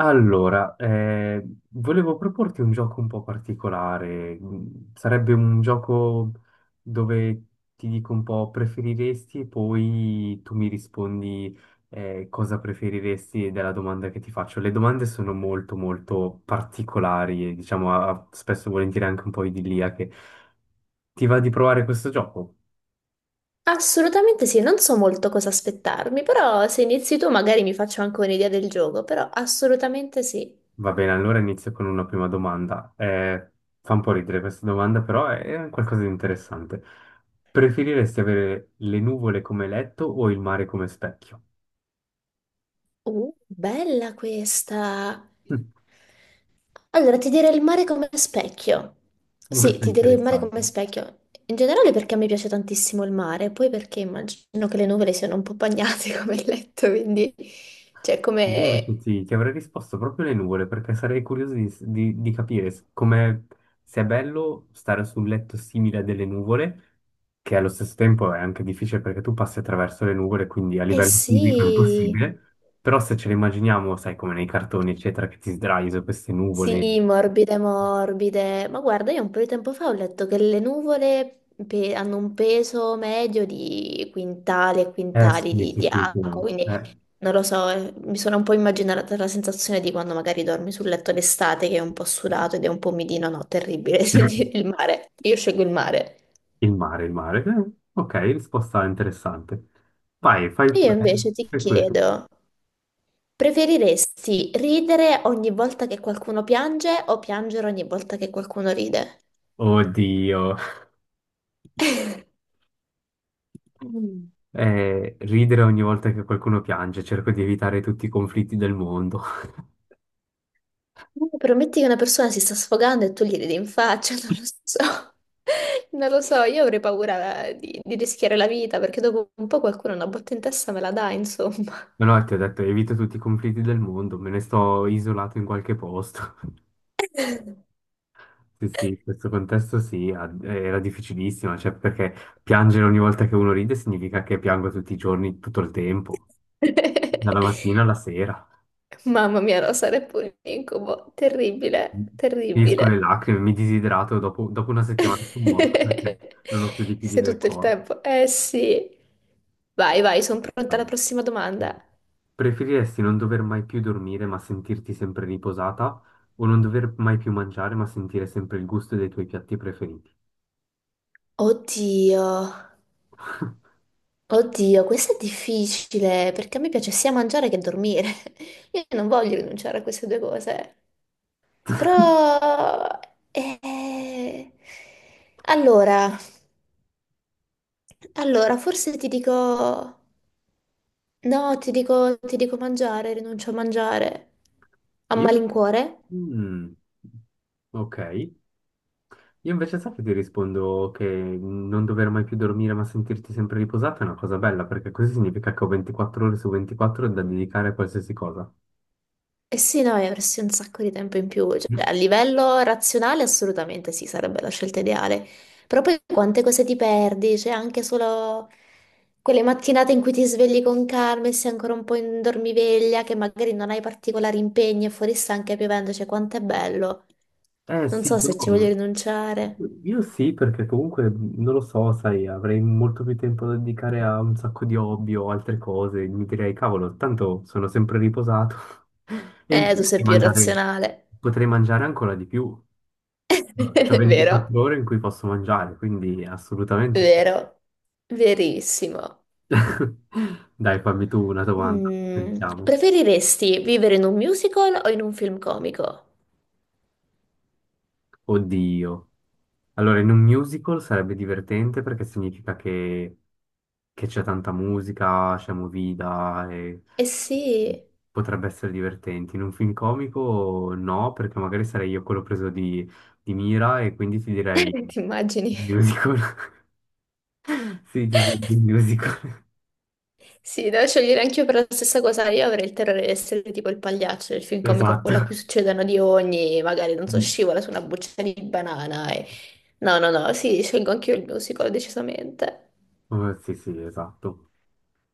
Allora, volevo proporti un gioco un po' particolare. Sarebbe un gioco dove ti dico un po' preferiresti e poi tu mi rispondi cosa preferiresti della domanda che ti faccio. Le domande sono molto molto particolari e diciamo spesso e volentieri anche un po' idilliache. Ti va di provare questo gioco? Assolutamente sì, non so molto cosa aspettarmi, però se inizi tu magari mi faccio anche un'idea del gioco, però assolutamente sì. Va bene, allora inizio con una prima domanda. Fa un po' ridere questa domanda, però è qualcosa di interessante. Preferiresti avere le nuvole come letto o il mare come specchio? Bella questa. Allora, ti direi il mare come specchio. Sì, Molto ti direi il mare come interessante. specchio. In generale perché a me piace tantissimo il mare, poi perché immagino che le nuvole siano un po' bagnate come il letto, quindi... Cioè, Io come... invece ti avrei risposto proprio le nuvole perché sarei curioso di capire come sia bello stare su un letto simile a delle nuvole, che allo stesso tempo è anche difficile perché tu passi attraverso le nuvole, quindi a Eh livello fisico è sì, impossibile, però se ce le immaginiamo, sai, come nei cartoni, eccetera, che ti sdrai su queste nuvole. sì, morbide, morbide. Ma guarda, io un po' di tempo fa ho letto che le nuvole hanno un peso medio di quintali e Eh sì, quintali sì, di, sì, di sì, sì, acqua, no. quindi non lo so, mi sono un po' immaginata la sensazione di quando magari dormi sul letto d'estate che è un po' sudato ed è un po' umidino, no, terribile, il mare. Io scelgo il mare. Il mare, il mare. Ok, risposta interessante. Vai, E io invece ti fai pure tu. chiedo, preferiresti ridere ogni volta che qualcuno piange o piangere ogni volta che qualcuno ride? Oddio. Mm. Ridere ogni volta che qualcuno piange, cerco di evitare tutti i conflitti del mondo. No, prometti che una persona si sta sfogando e tu gli ridi in faccia, non lo so. Non lo so, io avrei paura di rischiare la vita perché dopo un po' qualcuno una botta in testa me la dà, insomma. Ma no, ti ho detto, evito tutti i conflitti del mondo, me ne sto isolato in qualche posto. Sì, sì, in questo contesto sì, era difficilissima, cioè perché piangere ogni volta che uno ride significa che piango tutti i giorni, tutto il tempo, dalla mattina alla sera. Mamma mia, no, sarei pure un incubo. Terribile, Finisco terribile. le lacrime, mi disidrato, dopo una settimana sono morto perché non ho più liquidi Sei nel tutto il corpo. tempo. Eh sì. Vai, vai, sono pronta alla Vai. prossima domanda. Preferiresti non dover mai più dormire ma sentirti sempre riposata o non dover mai più mangiare ma sentire sempre il gusto dei tuoi piatti preferiti? Oddio. Oddio, questo è difficile perché a me piace sia mangiare che dormire. Io non voglio rinunciare a queste due cose. Però... eh, allora, allora, forse ti dico... No, ti dico mangiare, rinuncio a mangiare. A Io? malincuore? Mm, ok. Io invece sai che ti rispondo che non dover mai più dormire ma sentirti sempre riposata è una cosa bella perché così significa che ho 24 ore su 24 da dedicare a qualsiasi cosa. Eh sì, no, e avresti un sacco di tempo in più, cioè, a livello razionale assolutamente sì, sarebbe la scelta ideale, però poi quante cose ti perdi, c'è anche solo quelle mattinate in cui ti svegli con calma e sei ancora un po' in dormiveglia, che magari non hai particolari impegni e fuori sta anche piovendo, cioè quanto è bello, Eh non sì, so però se ci voglio rinunciare. io sì, perché comunque non lo so, sai, avrei molto più tempo da dedicare a un sacco di hobby o altre cose. Mi direi, cavolo, tanto sono sempre riposato e in più Tu sei più razionale, potrei mangiare ancora di più. C'ho vero, 24 ore in cui posso mangiare, quindi assolutamente sì. vero, verissimo. Dai, fammi tu una domanda, Mm, sentiamo. preferiresti vivere in un musical o in un film comico? Oddio. Allora, in un musical sarebbe divertente perché significa che c'è tanta musica, c'è movida e Eh sì, potrebbe essere divertente. In un film comico no, perché magari sarei io quello preso di mira e quindi ti direi ti immagini? musical. Sì, ti direi musical. Sì, devo scegliere anch'io per la stessa cosa. Io avrei il terrore di essere tipo il pagliaccio del film comico, Esatto. quello a cui succedono di ogni, magari non so, Mm. scivola su una buccia di banana. No, no, no, sì, scelgo anch'io il musical, decisamente. Oh, sì, sì, esatto.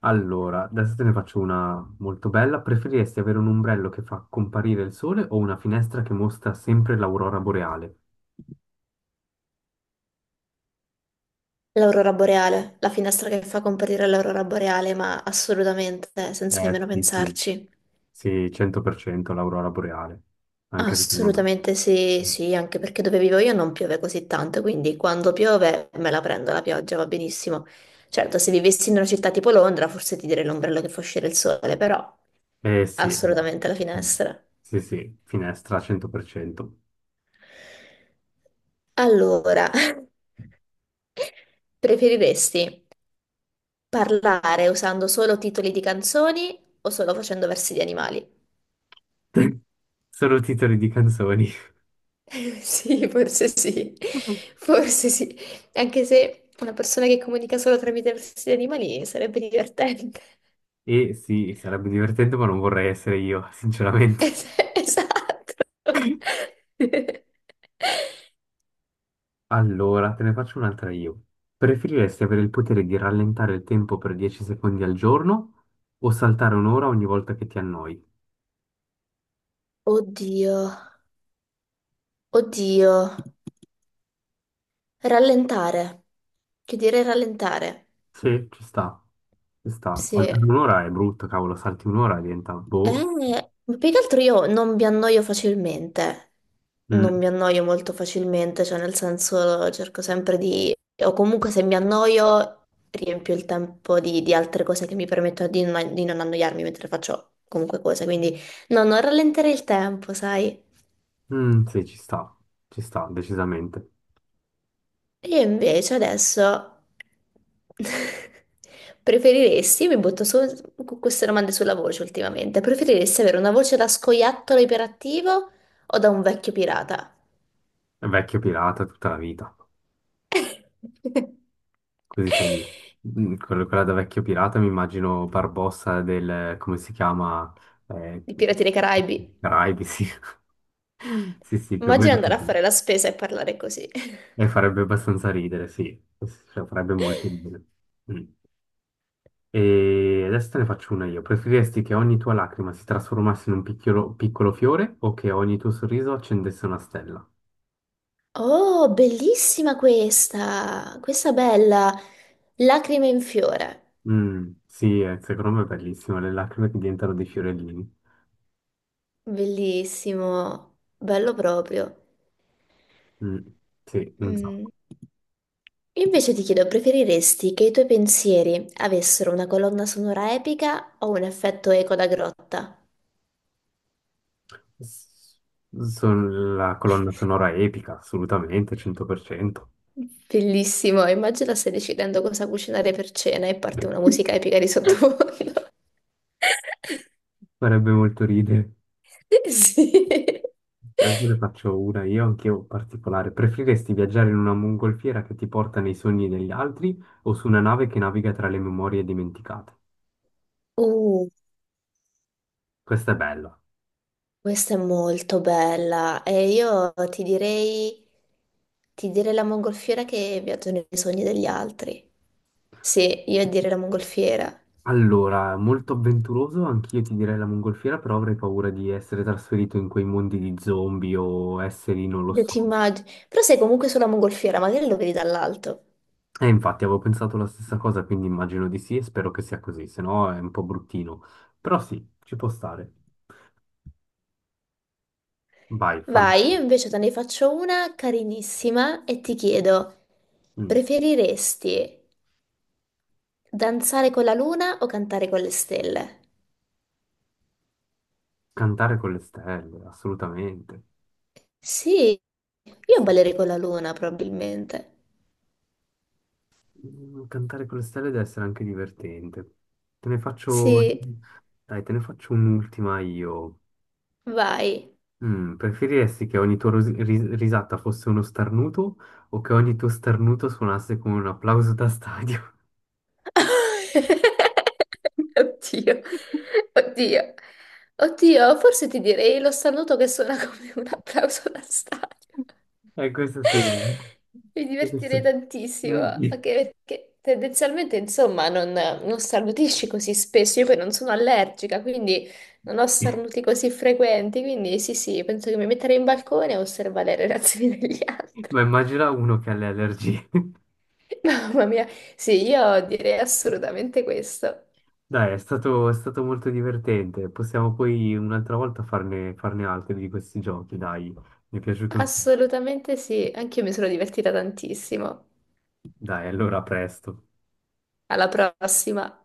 Allora, adesso te ne faccio una molto bella. Preferiresti avere un ombrello che fa comparire il sole o una finestra che mostra sempre l'aurora boreale? L'aurora boreale, la finestra che fa comparire l'aurora boreale, ma assolutamente, senza nemmeno Sì, sì, pensarci. sì, 100% l'aurora boreale, anche secondo me. Assolutamente sì, sì, anche perché dove vivo io non piove così tanto, quindi quando piove me la prendo la pioggia, va benissimo. Certo, se vivessi in una città tipo Londra, forse ti direi l'ombrello che fa uscire il sole, però Eh sì, va. assolutamente la Mm. finestra. Sì, sì, finestra 100%. Allora, preferiresti parlare usando solo titoli di canzoni o solo facendo versi di animali? Solo titoli di canzoni. Sì, forse sì, forse sì, anche se una persona che comunica solo tramite versi di animali sarebbe divertente. E sì, sarebbe divertente, ma non vorrei essere io, sinceramente. Es- Esatto. Allora, te ne faccio un'altra io. Preferiresti avere il potere di rallentare il tempo per 10 secondi al giorno o saltare un'ora ogni volta che ti annoi? Oddio, oddio. Rallentare. Che dire rallentare? Sì, ci sta, ci sta. Sì. Saltare un'ora è brutto, cavolo, salti un'ora e diventa Eh, boh. ma più che altro io non mi annoio facilmente, non mi Mm. annoio molto facilmente, cioè nel senso cerco sempre di, o comunque se mi annoio riempio il tempo di altre cose che mi permettono di, di non annoiarmi mentre faccio comunque cose, quindi no, non rallenterei il tempo, sai? Mm, sì, ci sta, decisamente. Io invece adesso preferiresti, mi butto solo con queste domande sulla voce ultimamente, preferiresti avere una voce da scoiattolo iperattivo o da un vecchio pirata? È vecchio pirata tutta la vita. Così sei... Quella da vecchio pirata mi immagino Barbossa del... come si chiama? Eh, I Pirati dei Caraibi. Caraibi, sì. Sì, sì, più o Immagina meno andare a così. fare la spesa e parlare così. E farebbe abbastanza ridere, sì. Sì, sì, cioè, farebbe molto ridere. Mm. E adesso te ne faccio una io. Preferiresti che ogni tua lacrima si trasformasse in un piccolo, piccolo fiore o che ogni tuo sorriso accendesse una stella? Oh, bellissima questa! Questa bella! Lacrime in fiore. Sì, secondo me è bellissimo, le lacrime che diventano dei fiorellini. Bellissimo, bello proprio. Mm, sì, non so. Mm. Io invece ti chiedo, preferiresti che i tuoi pensieri avessero una colonna sonora epica o un effetto eco da grotta? S- Sono la colonna sonora epica, assolutamente, 100%. Bellissimo, immagina stai decidendo cosa cucinare per cena e parte una musica epica di sottofondo. Farebbe molto ridere. Sì. Adesso ne faccio una io, anch'io particolare. Preferiresti viaggiare in una mongolfiera che ti porta nei sogni degli altri o su una nave che naviga tra le memorie dimenticate? Uh, Questa è bella. questa è molto bella e io ti direi la mongolfiera che viaggia nei sogni degli altri. Sì, io direi la mongolfiera. Allora, molto avventuroso, anch'io ti direi la mongolfiera, però avrei paura di essere trasferito in quei mondi di zombie o esseri, non lo Io so. ti immagino. Però sei comunque sulla mongolfiera, magari lo vedi dall'alto. E infatti avevo pensato la stessa cosa, quindi immagino di sì e spero che sia così, se no è un po' bruttino. Però sì, ci può stare. Vai, fammi... Vai, io invece te ne faccio una carinissima e ti chiedo, mm, preferiresti danzare con la luna o cantare con le stelle? Cantare con le stelle, assolutamente. Sì, Sì. io ballerei con la luna probabilmente. Cantare con le stelle deve essere anche divertente. Te ne faccio... Sì, Dai, te ne faccio un'ultima io. vai. Preferiresti che ogni tua risata fosse uno starnuto o che ogni tuo starnuto suonasse come un applauso da stadio? Oddio, oddio, oddio, forse ti direi lo saluto che suona come un applauso da stadio. Questo sì. Mi divertirei Sì. tantissimo, Mm. anche perché tendenzialmente, insomma, non, non starnutisci così spesso. Io poi non sono allergica, quindi non ho starnuti così frequenti. Quindi sì, sì, penso che mi metterei in balcone a osservare le reazioni degli altri. Ma immagina uno che ha le allergie. Mamma mia, sì, io direi assolutamente questo. Dai, è stato molto divertente. Possiamo poi un'altra volta farne altri di questi giochi, dai. Mi è piaciuto. Assolutamente sì, anche io mi sono divertita tantissimo. Dai, allora a presto. Alla prossima.